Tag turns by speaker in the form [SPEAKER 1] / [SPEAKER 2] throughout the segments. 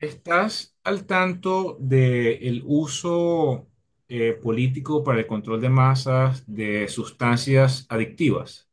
[SPEAKER 1] ¿Estás al tanto del uso político para el control de masas de sustancias adictivas,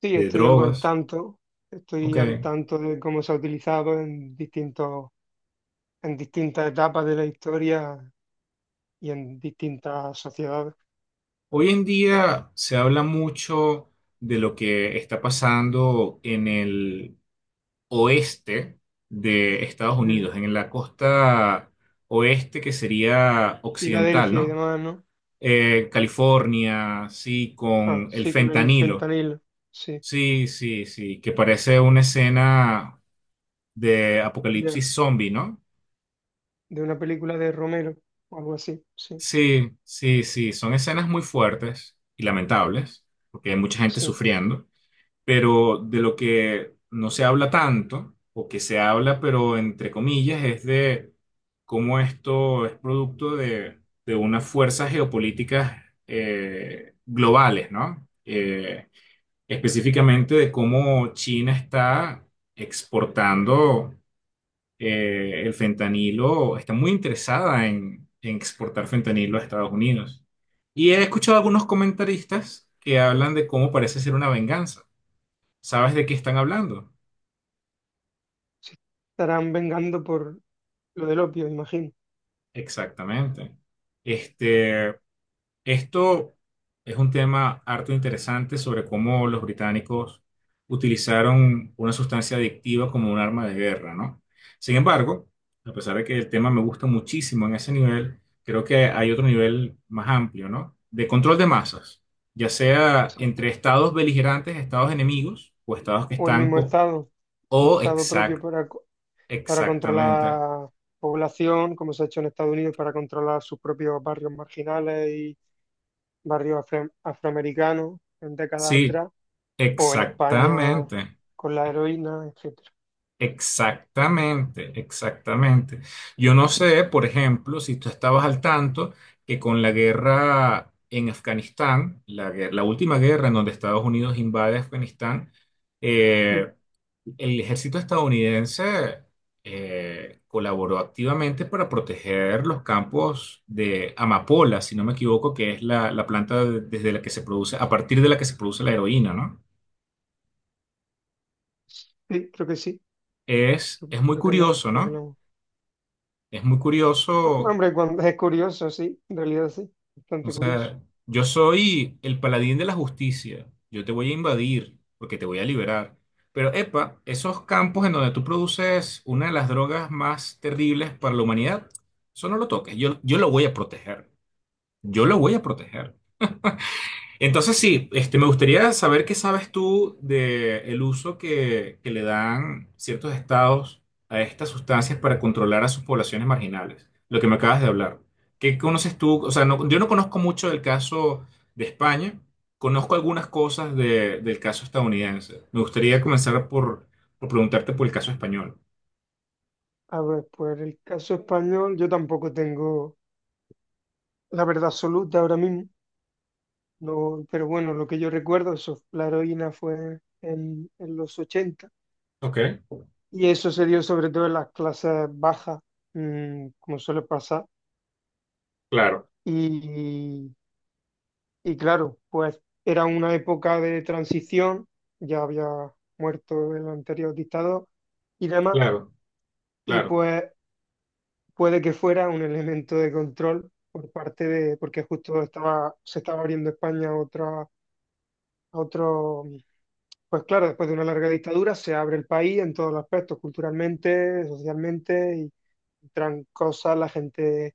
[SPEAKER 2] Sí,
[SPEAKER 1] de
[SPEAKER 2] estoy algo al
[SPEAKER 1] drogas?
[SPEAKER 2] tanto.
[SPEAKER 1] Ok.
[SPEAKER 2] Estoy al tanto de cómo se ha utilizado en en distintas etapas de la historia y en distintas sociedades.
[SPEAKER 1] Hoy en día se habla mucho de lo que está pasando en el oeste de Estados
[SPEAKER 2] Mm.
[SPEAKER 1] Unidos, en la costa oeste que sería occidental,
[SPEAKER 2] Filadelfia y
[SPEAKER 1] ¿no?
[SPEAKER 2] demás, ¿no?
[SPEAKER 1] California, sí,
[SPEAKER 2] Ah,
[SPEAKER 1] con el
[SPEAKER 2] sí, con el
[SPEAKER 1] fentanilo.
[SPEAKER 2] fentanilo, sí,
[SPEAKER 1] Sí, sí, sí, que parece una escena de
[SPEAKER 2] ya,
[SPEAKER 1] apocalipsis zombie, ¿no?
[SPEAKER 2] de una película de Romero o algo así, sí,
[SPEAKER 1] Sí, sí, sí, son escenas muy fuertes y lamentables, porque hay mucha gente
[SPEAKER 2] sí.
[SPEAKER 1] sufriendo, pero de lo que no se habla tanto, o que se habla, pero entre comillas, es de cómo esto es producto de unas fuerzas geopolíticas globales, ¿no? Específicamente de cómo China está exportando el fentanilo, está muy interesada en exportar fentanilo a Estados Unidos. Y he escuchado algunos comentaristas que hablan de cómo parece ser una venganza. ¿Sabes de qué están hablando?
[SPEAKER 2] Se estarán vengando por lo del opio, imagino.
[SPEAKER 1] Exactamente. Este, Esto es un tema harto interesante sobre cómo los británicos utilizaron una sustancia adictiva como un arma de guerra, ¿no? Sin embargo, a pesar de que el tema me gusta muchísimo en ese nivel, creo que hay otro nivel más amplio, ¿no? De control de masas, ya sea entre estados beligerantes, estados enemigos o estados que
[SPEAKER 2] O el
[SPEAKER 1] están
[SPEAKER 2] mismo Estado, o
[SPEAKER 1] o
[SPEAKER 2] Estado propio
[SPEAKER 1] exact,
[SPEAKER 2] para, para
[SPEAKER 1] exactamente.
[SPEAKER 2] controlar población, como se ha hecho en Estados Unidos para controlar sus propios barrios marginales y barrios afroamericanos en décadas
[SPEAKER 1] Sí,
[SPEAKER 2] atrás, o en España
[SPEAKER 1] exactamente.
[SPEAKER 2] con la heroína, etcétera.
[SPEAKER 1] Exactamente, exactamente. Yo no sé, por ejemplo, si tú estabas al tanto que con la guerra en Afganistán, la última guerra en donde Estados Unidos invade Afganistán,
[SPEAKER 2] Mm.
[SPEAKER 1] eh, el ejército estadounidense colaboró activamente para proteger los campos de amapola, si no me equivoco, que es la planta desde la que se produce, a partir de la que se produce la heroína, ¿no?
[SPEAKER 2] Sí, creo que sí. Creo
[SPEAKER 1] Es muy
[SPEAKER 2] creo que la,
[SPEAKER 1] curioso,
[SPEAKER 2] creo que
[SPEAKER 1] ¿no?
[SPEAKER 2] la-
[SPEAKER 1] Es muy curioso.
[SPEAKER 2] Hombre, cuando es curioso, sí, en realidad sí,
[SPEAKER 1] O
[SPEAKER 2] bastante curioso.
[SPEAKER 1] sea, yo soy el paladín de la justicia. Yo te voy a invadir porque te voy a liberar. Pero, epa, esos campos en donde tú produces una de las drogas más terribles para la humanidad, eso no lo toques. Yo lo voy a proteger. Yo lo voy a proteger. Entonces sí, este, me gustaría saber qué sabes tú del uso que le dan ciertos estados a estas sustancias para controlar a sus poblaciones marginales, lo que me acabas de hablar. ¿Qué conoces tú? O sea, no- yo no conozco mucho del caso de España, conozco algunas cosas del caso estadounidense. Me gustaría comenzar por preguntarte por el caso español.
[SPEAKER 2] A ver, pues el caso español, yo tampoco tengo la verdad absoluta ahora mismo. No, pero bueno, lo que yo recuerdo, eso, la heroína fue en los 80,
[SPEAKER 1] Ok,
[SPEAKER 2] y eso se dio sobre todo en las clases bajas, como suele pasar.
[SPEAKER 1] claro,
[SPEAKER 2] Y, y claro, pues era una época de transición, ya había muerto el anterior dictador y demás,
[SPEAKER 1] claro,
[SPEAKER 2] y
[SPEAKER 1] claro.
[SPEAKER 2] pues puede que fuera un elemento de control por parte de, porque justo estaba, se estaba abriendo España a otra, a otro. Pues claro, después de una larga dictadura se abre el país en todos los aspectos, culturalmente, socialmente, y entran cosas, la gente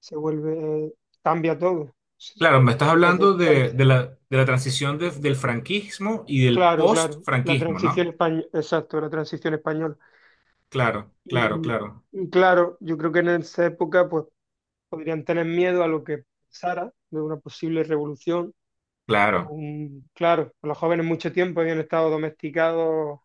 [SPEAKER 2] se vuelve, cambia todo. Sí.
[SPEAKER 1] Claro, me estás
[SPEAKER 2] Pues de
[SPEAKER 1] hablando
[SPEAKER 2] tant-
[SPEAKER 1] de la transición del franquismo y del
[SPEAKER 2] claro, claro, la
[SPEAKER 1] post-franquismo,
[SPEAKER 2] transición
[SPEAKER 1] ¿no?
[SPEAKER 2] española, exacto, la transición española.
[SPEAKER 1] Claro, claro,
[SPEAKER 2] Y,
[SPEAKER 1] claro,
[SPEAKER 2] y claro, yo creo que en esa época pues podrían tener miedo a lo que pasara de una posible revolución.
[SPEAKER 1] claro.
[SPEAKER 2] Claro, los jóvenes mucho tiempo habían estado domesticados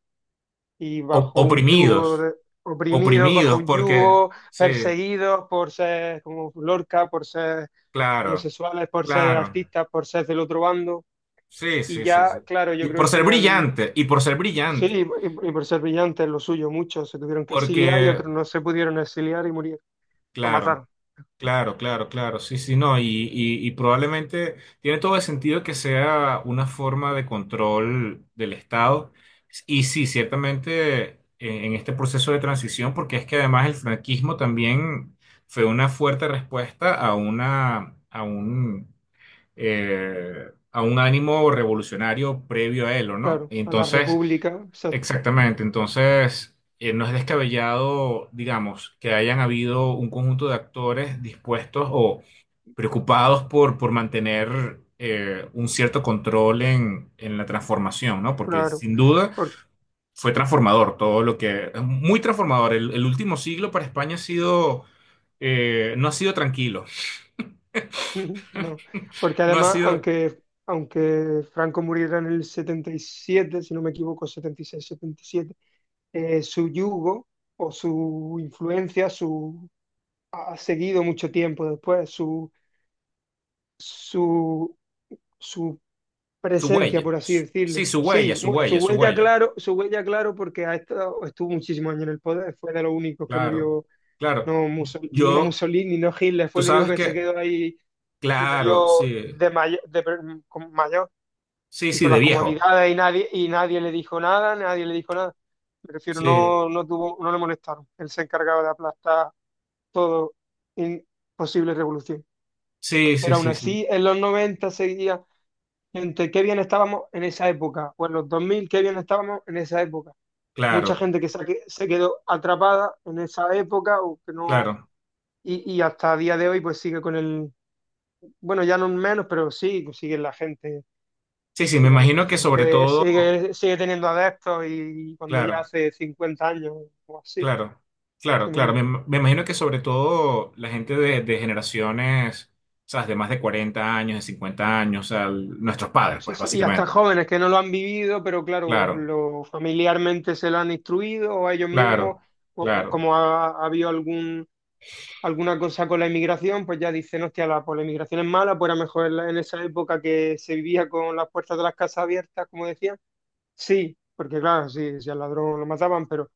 [SPEAKER 2] y bajo un yugo
[SPEAKER 1] Oprimidos,
[SPEAKER 2] oprimidos, bajo
[SPEAKER 1] oprimidos,
[SPEAKER 2] un
[SPEAKER 1] porque
[SPEAKER 2] yugo,
[SPEAKER 1] sí,
[SPEAKER 2] perseguidos por ser como Lorca, por ser
[SPEAKER 1] claro,
[SPEAKER 2] homosexuales, por ser
[SPEAKER 1] claro.
[SPEAKER 2] artistas, por ser del otro bando.
[SPEAKER 1] Sí,
[SPEAKER 2] Y
[SPEAKER 1] sí, sí,
[SPEAKER 2] ya,
[SPEAKER 1] sí.
[SPEAKER 2] claro, yo
[SPEAKER 1] Y
[SPEAKER 2] creo
[SPEAKER 1] por
[SPEAKER 2] que
[SPEAKER 1] ser
[SPEAKER 2] tenían,
[SPEAKER 1] brillante, y por ser
[SPEAKER 2] sí,
[SPEAKER 1] brillante,
[SPEAKER 2] y por ser brillantes, lo suyo, muchos se tuvieron que exiliar y
[SPEAKER 1] porque,
[SPEAKER 2] otros no se pudieron exiliar y murieron, o
[SPEAKER 1] claro.
[SPEAKER 2] mataron,
[SPEAKER 1] Claro, claro, claro, sí, sí, no, y, y probablemente tiene todo el sentido que sea una forma de control del Estado. Y sí, ciertamente en este proceso de transición, porque es que además el franquismo también fue una fuerte respuesta a una, a un ánimo revolucionario previo a él, ¿o no?
[SPEAKER 2] claro, a la
[SPEAKER 1] Entonces,
[SPEAKER 2] República, exacto,
[SPEAKER 1] exactamente, entonces no es descabellado, digamos, que hayan habido un conjunto de actores dispuestos o preocupados por mantener un cierto control en la transformación, ¿no? Porque
[SPEAKER 2] claro.
[SPEAKER 1] sin duda
[SPEAKER 2] Porque
[SPEAKER 1] fue transformador, todo lo que, muy transformador. El último siglo para España ha sido, no ha sido tranquilo,
[SPEAKER 2] no. Porque
[SPEAKER 1] no ha
[SPEAKER 2] además,
[SPEAKER 1] sido...
[SPEAKER 2] aunque Franco muriera en el 77, si no me equivoco, 76, 77, su yugo o su influencia ha seguido mucho tiempo después, su, su
[SPEAKER 1] Su
[SPEAKER 2] presencia,
[SPEAKER 1] huella.
[SPEAKER 2] por así
[SPEAKER 1] Sí,
[SPEAKER 2] decirlo.
[SPEAKER 1] su huella,
[SPEAKER 2] Sí,
[SPEAKER 1] su
[SPEAKER 2] bueno,
[SPEAKER 1] huella, su huella.
[SPEAKER 2] su huella, claro, porque ha estado, estuvo muchísimos años en el poder, fue de los únicos que
[SPEAKER 1] Claro,
[SPEAKER 2] murió,
[SPEAKER 1] claro.
[SPEAKER 2] no, no
[SPEAKER 1] Yo,
[SPEAKER 2] Mussolini, no Hitler, fue
[SPEAKER 1] tú
[SPEAKER 2] el único
[SPEAKER 1] sabes
[SPEAKER 2] que se
[SPEAKER 1] que,
[SPEAKER 2] quedó ahí y
[SPEAKER 1] claro,
[SPEAKER 2] murió
[SPEAKER 1] sí,
[SPEAKER 2] de mayor
[SPEAKER 1] sí,
[SPEAKER 2] y
[SPEAKER 1] sí,
[SPEAKER 2] con
[SPEAKER 1] de
[SPEAKER 2] las
[SPEAKER 1] viejo.
[SPEAKER 2] comodidades y nadie le dijo nada, nadie le dijo nada. Me refiero,
[SPEAKER 1] Sí,
[SPEAKER 2] no tuvo, no le molestaron. Él se encargaba de aplastar todo en posible revolución.
[SPEAKER 1] sí, sí,
[SPEAKER 2] Pero aún
[SPEAKER 1] sí, sí.
[SPEAKER 2] así, en los 90 seguía gente, qué bien estábamos en esa época, o en los 2000 qué bien estábamos en esa época. Mucha
[SPEAKER 1] Claro,
[SPEAKER 2] gente que se quedó atrapada en esa época o que no,
[SPEAKER 1] claro.
[SPEAKER 2] y hasta día de hoy pues sigue con el, bueno, ya no menos, pero sí, pues
[SPEAKER 1] Sí, sí, me
[SPEAKER 2] sigue habiendo
[SPEAKER 1] imagino que sobre
[SPEAKER 2] gente,
[SPEAKER 1] todo,
[SPEAKER 2] sigue teniendo adeptos y cuando ya
[SPEAKER 1] claro,
[SPEAKER 2] hace 50 años o así
[SPEAKER 1] claro,
[SPEAKER 2] que
[SPEAKER 1] claro, claro.
[SPEAKER 2] murió.
[SPEAKER 1] Me imagino que sobre todo la gente de generaciones, o sea, de más de 40 años, de 50 años, o sea, nuestros padres,
[SPEAKER 2] Sí,
[SPEAKER 1] pues,
[SPEAKER 2] sí, y hasta
[SPEAKER 1] básicamente.
[SPEAKER 2] jóvenes que no lo han vivido, pero claro,
[SPEAKER 1] Claro,
[SPEAKER 2] lo, familiarmente se lo han instruido o ellos
[SPEAKER 1] claro,
[SPEAKER 2] mismos,
[SPEAKER 1] claro.
[SPEAKER 2] como ha habido alguna cosa con la inmigración, pues ya dicen, hostia, la inmigración es mala, pues era mejor en esa época que se vivía con las puertas de las casas abiertas, como decían. Sí, porque claro, sí, si al ladrón lo mataban, pero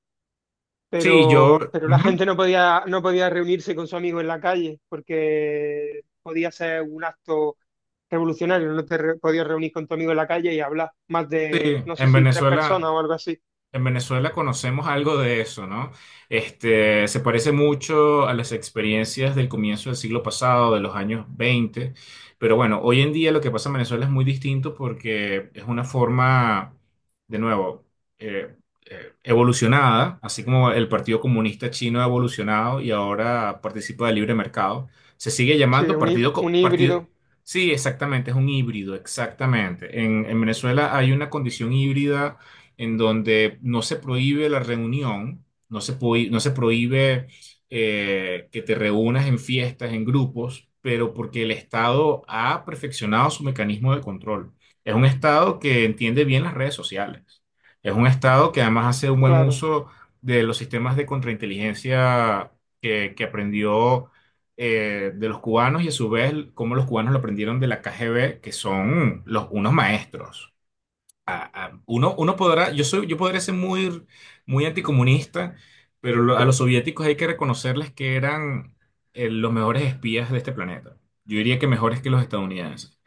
[SPEAKER 1] Sí, yo.
[SPEAKER 2] pero la
[SPEAKER 1] Ujú.
[SPEAKER 2] gente no podía reunirse con su amigo en la calle porque podía ser un acto revolucionario, no te re- podías reunir con tu amigo en la calle y hablar más
[SPEAKER 1] Sí,
[SPEAKER 2] de, no sé
[SPEAKER 1] en
[SPEAKER 2] si tres personas
[SPEAKER 1] Venezuela,
[SPEAKER 2] o algo así.
[SPEAKER 1] en Venezuela conocemos algo de eso, ¿no? Este, se parece mucho a las experiencias del comienzo del siglo pasado, de los años 20, pero bueno, hoy en día lo que pasa en Venezuela es muy distinto porque es una forma, de nuevo, eh, evolucionada, así como el Partido Comunista Chino ha evolucionado y ahora participa del libre mercado. Se sigue
[SPEAKER 2] Sí,
[SPEAKER 1] llamando
[SPEAKER 2] un
[SPEAKER 1] Partido.
[SPEAKER 2] híbrido,
[SPEAKER 1] Sí, exactamente, es un híbrido, exactamente. En Venezuela hay una condición híbrida en donde no se prohíbe la reunión, no se prohíbe que te reúnas en fiestas, en grupos, pero porque el Estado ha perfeccionado su mecanismo de control. Es un Estado que entiende bien las redes sociales. Es un Estado que además hace un buen
[SPEAKER 2] claro.
[SPEAKER 1] uso de los sistemas de contrainteligencia que aprendió de los cubanos y a su vez cómo los cubanos lo aprendieron de la KGB, que son los, unos maestros. Uno uno podrá, yo soy, yo podría ser muy, muy anticomunista, pero a los soviéticos hay que reconocerles que eran los mejores espías de este planeta. Yo diría que mejores que los estadounidenses.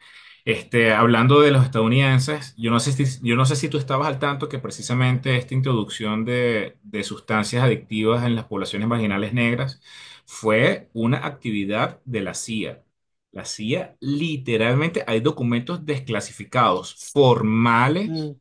[SPEAKER 1] Este, hablando de los estadounidenses, yo no sé si, yo no sé si tú estabas al tanto que precisamente esta introducción de sustancias adictivas en las poblaciones marginales negras fue una actividad de la CIA. La CIA literalmente hay documentos desclasificados formales
[SPEAKER 2] Mm,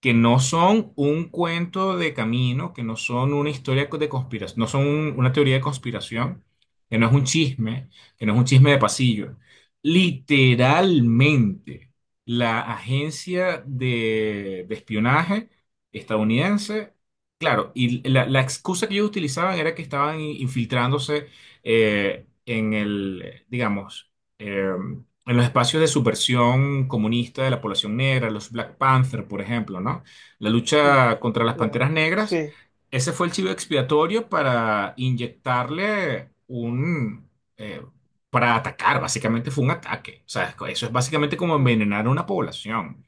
[SPEAKER 1] que no son un cuento de camino, que no son una historia de conspiración, no son una teoría de conspiración, que no es un chisme, que no es un chisme de pasillo. Literalmente, la agencia de espionaje estadounidense, claro, y la excusa que ellos utilizaban era que estaban infiltrándose en el, digamos, em, en los espacios de subversión comunista de la población negra, los Black Panther, por ejemplo, ¿no? La
[SPEAKER 2] mm,
[SPEAKER 1] lucha contra las
[SPEAKER 2] yeah.
[SPEAKER 1] panteras negras,
[SPEAKER 2] Sí,
[SPEAKER 1] ese fue el chivo expiatorio para inyectarle un... eh, para atacar, básicamente fue un ataque. O sea, eso es básicamente como
[SPEAKER 2] ah,
[SPEAKER 1] envenenar a una población.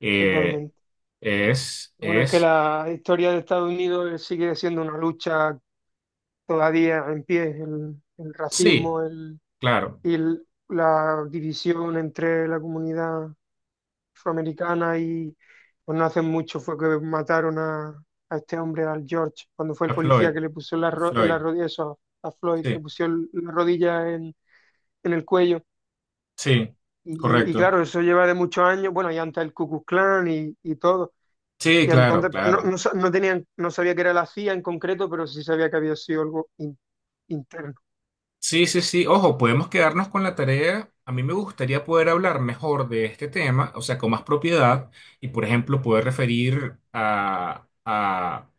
[SPEAKER 1] Eh,
[SPEAKER 2] totalmente.
[SPEAKER 1] es,
[SPEAKER 2] Bueno, es que
[SPEAKER 1] es,
[SPEAKER 2] la historia de Estados Unidos sigue siendo una lucha todavía en pie, el
[SPEAKER 1] sí,
[SPEAKER 2] racismo
[SPEAKER 1] claro,
[SPEAKER 2] y la división entre la comunidad afroamericana y pues no hace mucho fue que mataron a este hombre, al George, cuando fue el
[SPEAKER 1] a
[SPEAKER 2] policía que
[SPEAKER 1] Floyd,
[SPEAKER 2] le puso en
[SPEAKER 1] a
[SPEAKER 2] en la
[SPEAKER 1] Floyd,
[SPEAKER 2] rodilla, eso, a Floyd,
[SPEAKER 1] sí,
[SPEAKER 2] le puso la rodilla en el cuello.
[SPEAKER 1] sí,
[SPEAKER 2] Y
[SPEAKER 1] correcto.
[SPEAKER 2] claro, eso lleva de muchos años, bueno, y antes el Ku Klux Klan y todo.
[SPEAKER 1] Sí,
[SPEAKER 2] Y
[SPEAKER 1] claro,
[SPEAKER 2] entonces pues,
[SPEAKER 1] claro.
[SPEAKER 2] no tenían, no sabía que era la CIA en concreto, pero sí sabía que había sido algo interno.
[SPEAKER 1] Sí, sí, sí. Ojo, podemos quedarnos con la tarea. A mí me gustaría poder hablar mejor de este tema, o sea, con más propiedad y, por ejemplo, poder referir a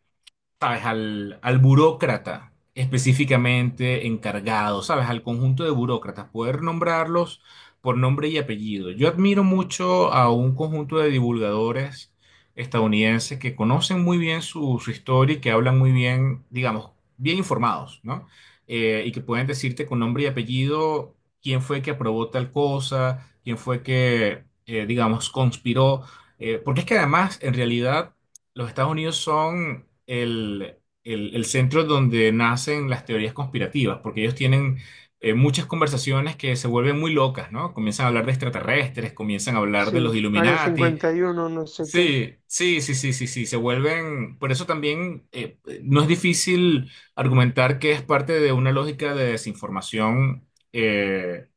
[SPEAKER 1] ¿sabes? Al burócrata específicamente encargado, ¿sabes? Al conjunto de burócratas, poder nombrarlos por nombre y apellido. Yo admiro mucho a un conjunto de divulgadores estadounidenses que conocen muy bien su, su historia y que hablan muy bien, digamos, bien informados, ¿no? Y que pueden decirte con nombre y apellido quién fue que aprobó tal cosa, quién fue que, digamos, conspiró. Porque es que además, en realidad, los Estados Unidos son el, el centro donde nacen las teorías conspirativas, porque ellos tienen muchas conversaciones que se vuelven muy locas, ¿no? Comienzan a hablar de extraterrestres, comienzan a hablar de los
[SPEAKER 2] Sí, Área
[SPEAKER 1] Illuminati.
[SPEAKER 2] 51, no sé qué.
[SPEAKER 1] Sí, sí, sí, sí, sí, sí, se vuelven, por eso también no es difícil argumentar que es parte de una lógica de desinformación, eh,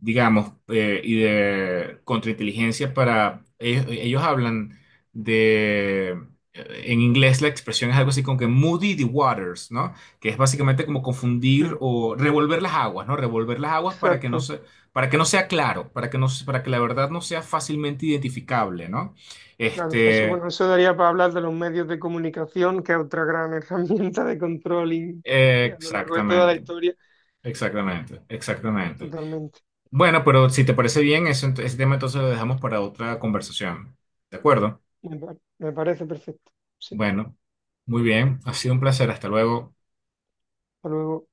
[SPEAKER 1] y de contrainteligencia para, ellos hablan de, en inglés la expresión es algo así como que muddy the waters, ¿no? Que es básicamente como confundir
[SPEAKER 2] Mm,
[SPEAKER 1] o revolver las aguas, ¿no? Revolver las aguas para que no
[SPEAKER 2] exacto.
[SPEAKER 1] se, para que no sea claro, para que no, para que la verdad no sea fácilmente identificable, ¿no?
[SPEAKER 2] Claro, eso,
[SPEAKER 1] Este,
[SPEAKER 2] bueno, eso daría para hablar de los medios de comunicación, que es otra gran herramienta de control y, a lo largo de toda la
[SPEAKER 1] exactamente,
[SPEAKER 2] historia.
[SPEAKER 1] exactamente, exactamente.
[SPEAKER 2] Totalmente.
[SPEAKER 1] Bueno, pero si te parece bien, ese tema entonces lo dejamos para otra conversación. ¿De acuerdo?
[SPEAKER 2] Me parece perfecto. Sí,
[SPEAKER 1] Bueno, muy bien, ha sido un placer, hasta luego.
[SPEAKER 2] hasta luego.